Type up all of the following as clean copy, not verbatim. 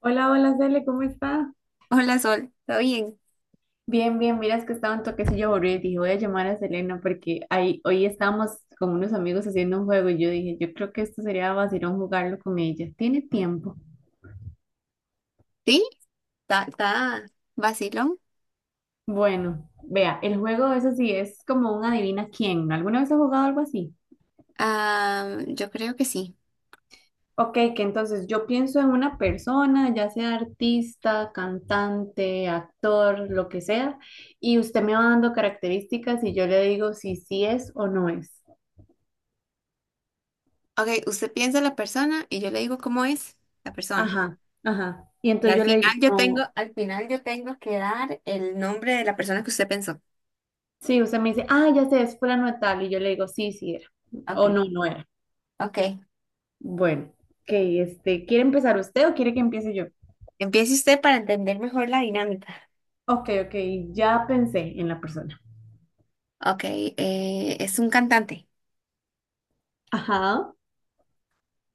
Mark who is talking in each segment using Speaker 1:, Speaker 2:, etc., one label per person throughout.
Speaker 1: Hola, hola, Cele, ¿cómo está?
Speaker 2: Hola Sol, ¿todo bien?
Speaker 1: Bien, bien, miras que estaba un toquecillo aburrido y dije, voy a llamar a Selena porque ahí, hoy estábamos con unos amigos haciendo un juego y yo dije, yo creo que esto sería vacilón jugarlo con ella. ¿Tiene tiempo?
Speaker 2: ¿Sí? ¿¿Está vacilón?
Speaker 1: Bueno, vea, el juego es así, es como un adivina quién, ¿no? ¿Alguna vez ha jugado algo así?
Speaker 2: Ah, yo creo que sí.
Speaker 1: Ok, que entonces yo pienso en una persona, ya sea artista, cantante, actor, lo que sea, y usted me va dando características y yo le digo si sí es o no es.
Speaker 2: Ok, usted piensa la persona y yo le digo cómo es la persona.
Speaker 1: Ajá, ajá. Y
Speaker 2: Y
Speaker 1: entonces
Speaker 2: al
Speaker 1: yo le digo,
Speaker 2: final yo tengo,
Speaker 1: no,
Speaker 2: al final yo tengo que dar el nombre de la persona que usted pensó.
Speaker 1: sí, usted me dice, ah, ya sé, es fulano de tal. Y yo le digo, sí, sí era.
Speaker 2: Ok,
Speaker 1: O no, no era.
Speaker 2: ok.
Speaker 1: Bueno, ok, ¿quiere empezar usted o quiere que empiece yo?
Speaker 2: Empiece usted para entender mejor la dinámica.
Speaker 1: Ok, ok, ya pensé en la persona.
Speaker 2: Ok, es un cantante.
Speaker 1: Ajá.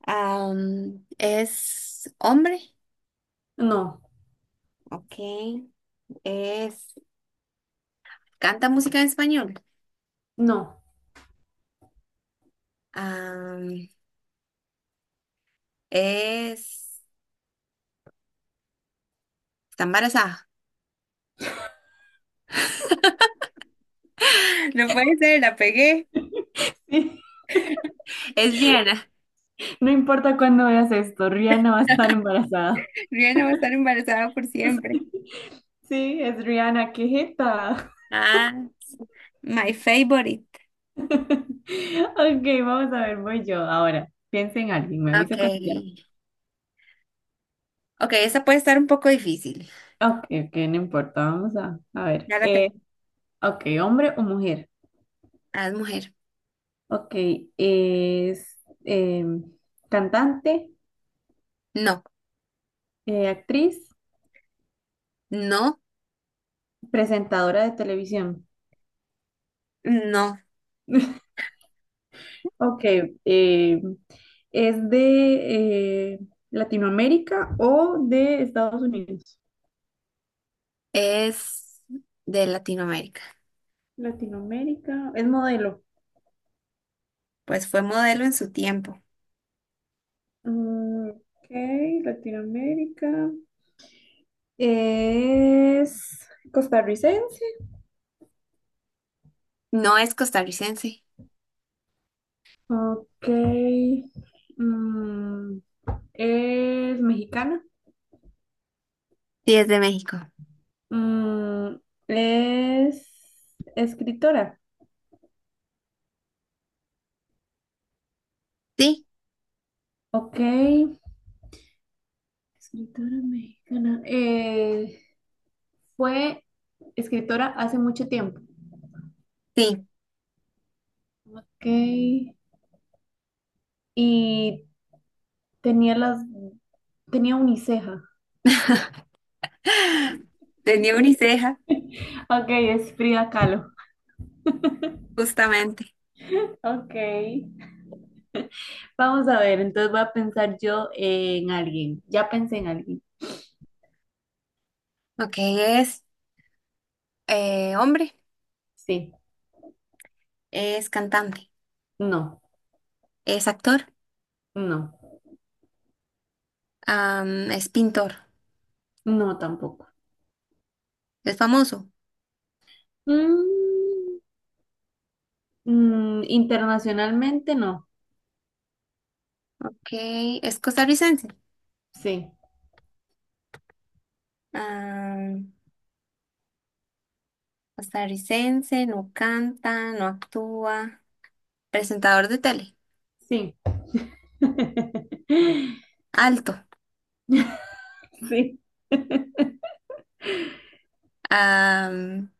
Speaker 2: Es hombre.
Speaker 1: No,
Speaker 2: Ok. Es, canta música en español.
Speaker 1: no.
Speaker 2: Am, es, está embarazada. No puede ser, la pegué. Es Rihanna.
Speaker 1: Sí, no importa cuándo veas esto, Rihanna va a estar embarazada.
Speaker 2: Rihanna va a estar embarazada por siempre.
Speaker 1: Sí, es Rihanna, qué jeta.
Speaker 2: Ah, my favorite.
Speaker 1: Ok, vamos a ver, voy yo ahora. Piensa en alguien, me
Speaker 2: Ok.
Speaker 1: avisa cuando ya.
Speaker 2: Ok, esa puede estar un poco difícil.
Speaker 1: Ok, ok, no importa, vamos a ver.
Speaker 2: Ya la tengo.
Speaker 1: Ok, hombre o mujer.
Speaker 2: Ah, es mujer.
Speaker 1: Ok, es cantante,
Speaker 2: No,
Speaker 1: actriz,
Speaker 2: no,
Speaker 1: presentadora de televisión.
Speaker 2: no.
Speaker 1: Ok, em, ¿es de Latinoamérica o de Estados Unidos?
Speaker 2: Es de Latinoamérica.
Speaker 1: Latinoamérica, es modelo.
Speaker 2: Pues fue modelo en su tiempo.
Speaker 1: Mm, ok, Latinoamérica. ¿Es costarricense?
Speaker 2: No es costarricense.
Speaker 1: Ok. Mm, ¿es mexicana?
Speaker 2: Sí, es de México.
Speaker 1: Mm, ¿es escritora?
Speaker 2: Sí,
Speaker 1: Ok. Escritora mexicana. Fue escritora hace mucho tiempo.
Speaker 2: sí.
Speaker 1: Ok. Y tenía las... Tenía uniceja.
Speaker 2: Tenía uniceja.
Speaker 1: Ok, es Frida Kahlo.
Speaker 2: Justamente.
Speaker 1: Ok. Vamos a ver, entonces voy a pensar yo en alguien. Ya pensé en alguien.
Speaker 2: Ok, es hombre,
Speaker 1: Sí.
Speaker 2: es cantante,
Speaker 1: No,
Speaker 2: es actor.
Speaker 1: no.
Speaker 2: Es pintor,
Speaker 1: No, tampoco.
Speaker 2: es famoso.
Speaker 1: Mm, mm, internacionalmente no.
Speaker 2: Ok, es costarricense.
Speaker 1: Sí,
Speaker 2: Am, costarricense, no canta, no actúa. Presentador de tele,
Speaker 1: sí.
Speaker 2: alto.
Speaker 1: Sí.
Speaker 2: Am,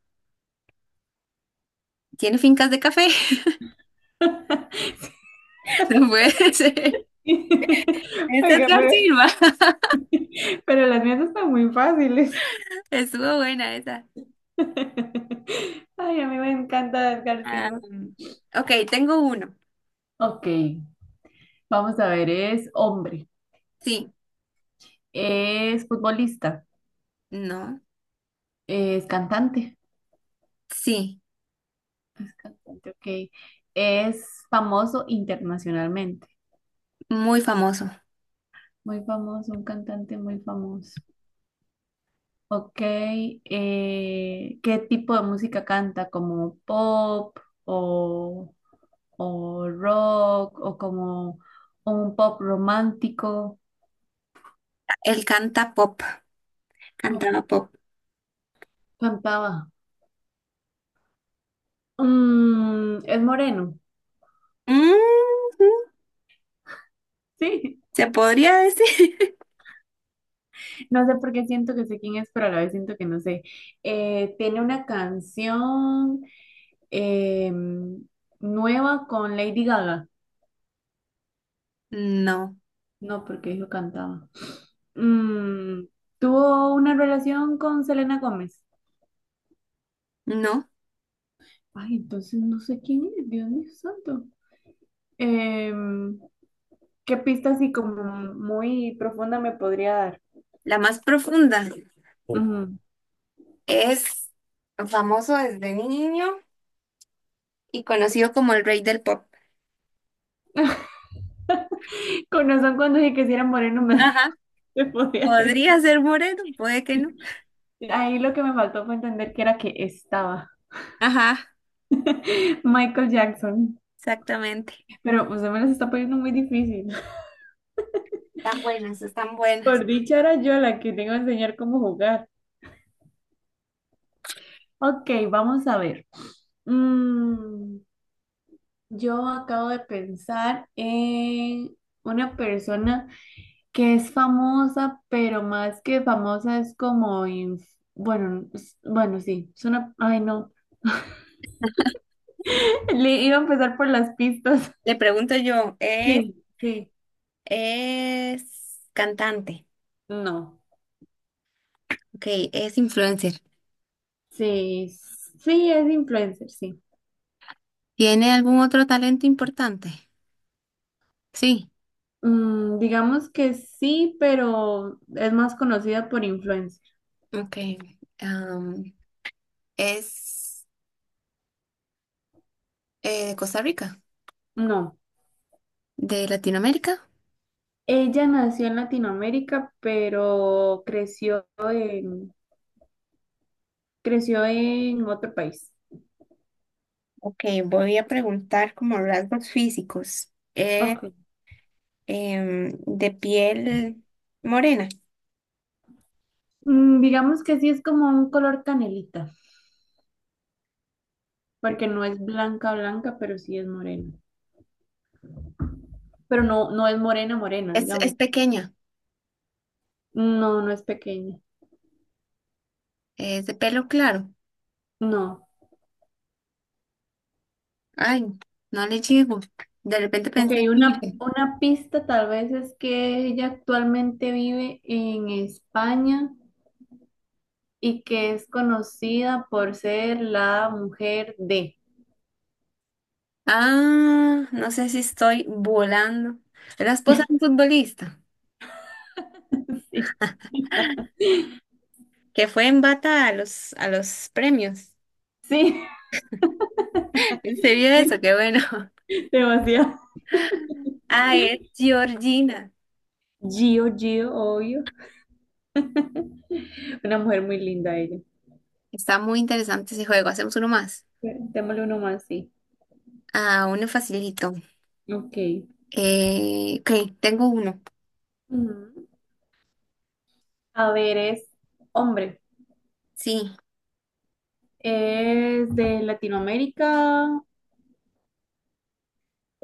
Speaker 2: tiene fincas de café. No puede ser. Es
Speaker 1: Oiga,
Speaker 2: Edgar Silva.
Speaker 1: pero las mías están muy fáciles.
Speaker 2: Estuvo buena esa.
Speaker 1: Ay, a mí me encanta Edgar Silva.
Speaker 2: Am, ok, tengo uno.
Speaker 1: Ok, vamos a ver, es hombre,
Speaker 2: Sí,
Speaker 1: es futbolista,
Speaker 2: no,
Speaker 1: es cantante,
Speaker 2: sí,
Speaker 1: es cantante, ok, es famoso internacionalmente,
Speaker 2: muy famoso.
Speaker 1: muy famoso, un cantante muy famoso. Ok, ¿qué tipo de música canta? ¿Como pop o, o rock o como un pop romántico?
Speaker 2: Él canta pop,
Speaker 1: No,
Speaker 2: cantaba pop.
Speaker 1: cantaba. Mm, es moreno,
Speaker 2: Mm,
Speaker 1: sí.
Speaker 2: ¿se podría decir?
Speaker 1: No sé por qué siento que sé quién es, pero a la vez siento que no sé. Tiene una canción em, nueva con Lady Gaga.
Speaker 2: No.
Speaker 1: No, porque yo cantaba. Mm, tuvo una relación con Selena Gómez.
Speaker 2: No,
Speaker 1: Ay, entonces no sé quién es, Dios mío santo. Em, ¿Qué pista así como muy profunda me podría dar?
Speaker 2: la más profunda.
Speaker 1: Ujú.
Speaker 2: Es famoso desde niño y conocido como el rey del pop.
Speaker 1: Con razón cuando dije que si era moreno me,
Speaker 2: Ajá,
Speaker 1: me podía
Speaker 2: podría
Speaker 1: decir.
Speaker 2: ser moreno, puede que no.
Speaker 1: Ahí lo que me faltó fue entender que era que estaba
Speaker 2: Ajá.
Speaker 1: Michael Jackson.
Speaker 2: Exactamente.
Speaker 1: Pero usted me las está poniendo muy difícil.
Speaker 2: Están buenas, están buenas.
Speaker 1: Por dicha era yo la que tengo que enseñar cómo jugar. Ok, vamos a ver. Mm, yo acabo de pensar en una persona que es famosa, pero más que famosa es como, bueno, sí, es una, ay no, le iba a empezar por las pistas.
Speaker 2: Le pregunto yo,
Speaker 1: Sí, sí,
Speaker 2: es cantante?
Speaker 1: no,
Speaker 2: Ok, es influencer.
Speaker 1: sí, sí, es influencer, sí.
Speaker 2: ¿Tiene algún otro talento importante? Sí.
Speaker 1: Mm, digamos que sí, pero es más conocida por influencer.
Speaker 2: Ok. am, ¿es de Costa Rica?
Speaker 1: No,
Speaker 2: ¿De Latinoamérica?
Speaker 1: ella nació en Latinoamérica, pero creció en otro país.
Speaker 2: Ok, voy a preguntar como rasgos físicos. Es
Speaker 1: Ok.
Speaker 2: de piel morena.
Speaker 1: Mm, digamos que sí, es como un color canelita, porque no es blanca, blanca, pero sí es morena. Pero no, no es morena, morena,
Speaker 2: Es
Speaker 1: digamos.
Speaker 2: pequeña.
Speaker 1: No, no es pequeña.
Speaker 2: Es de pelo claro.
Speaker 1: No.
Speaker 2: Ay, no le llego. De repente
Speaker 1: Ok,
Speaker 2: pensé, mire.
Speaker 1: una pista tal vez es que ella actualmente vive en España y que es conocida por ser la mujer de.
Speaker 2: Ah, no sé si estoy volando. Es la esposa de un futbolista que fue en bata a los premios.
Speaker 1: Sí,
Speaker 2: ¿Se vio eso?
Speaker 1: sí,
Speaker 2: Qué bueno.
Speaker 1: sí, demasiado.
Speaker 2: Ay, es Georgina.
Speaker 1: Gio, Gio, obvio. Una mujer muy linda ella.
Speaker 2: Está muy interesante ese juego. Hacemos uno más.
Speaker 1: Démosle uno más, sí.
Speaker 2: Ah, uno facilito.
Speaker 1: Ok.
Speaker 2: Ok, tengo uno.
Speaker 1: Ujú. A ver, es hombre.
Speaker 2: Sí,
Speaker 1: ¿Es de Latinoamérica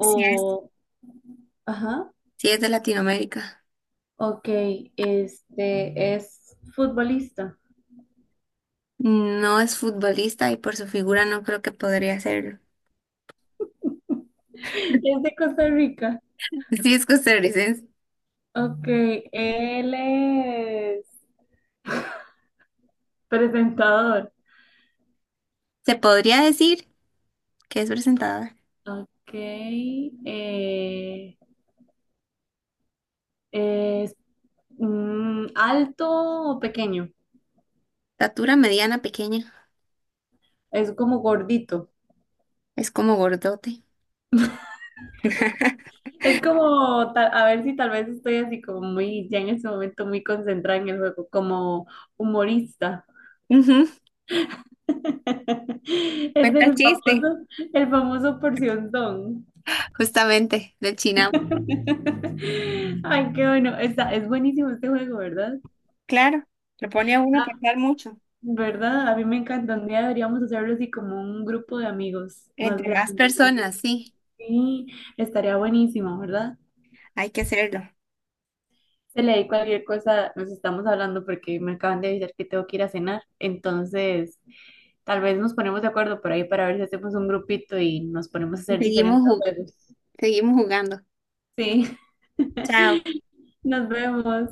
Speaker 2: sí es,
Speaker 1: Ajá.
Speaker 2: sí es de Latinoamérica.
Speaker 1: Ok, este es futbolista.
Speaker 2: No es futbolista y por su figura no creo que podría serlo.
Speaker 1: Es de Costa Rica.
Speaker 2: Sí es costarricense.
Speaker 1: Ok, él es presentador.
Speaker 2: Se podría decir que es presentada.
Speaker 1: Ok, eh, es alto o pequeño.
Speaker 2: Estatura mediana, pequeña.
Speaker 1: Es como gordito.
Speaker 2: Es como gordote.
Speaker 1: Es como, a ver si tal vez estoy así como muy, ya en ese momento muy concentrada en el juego, como humorista.
Speaker 2: Ujú,
Speaker 1: Es
Speaker 2: cuenta chiste.
Speaker 1: el famoso porcionzón.
Speaker 2: Justamente, del Chinamo.
Speaker 1: Ay, qué bueno. Está, es buenísimo este juego, ¿verdad?
Speaker 2: Claro, lo pone a uno a
Speaker 1: Ah,
Speaker 2: pensar mucho.
Speaker 1: ¿verdad? A mí me encanta. Un día deberíamos hacerlo así como un grupo de amigos más
Speaker 2: Entre más
Speaker 1: grande.
Speaker 2: personas, sí.
Speaker 1: Sí, estaría buenísimo, ¿verdad?
Speaker 2: Hay que hacerlo.
Speaker 1: Se le di cualquier cosa, nos estamos hablando porque me acaban de avisar que tengo que ir a cenar. Entonces... Tal vez nos ponemos de acuerdo por ahí para ver si hacemos un grupito y nos ponemos a hacer
Speaker 2: Seguimos,
Speaker 1: diferentes
Speaker 2: ju-
Speaker 1: juegos.
Speaker 2: seguimos jugando.
Speaker 1: Sí.
Speaker 2: Chao.
Speaker 1: Nos vemos.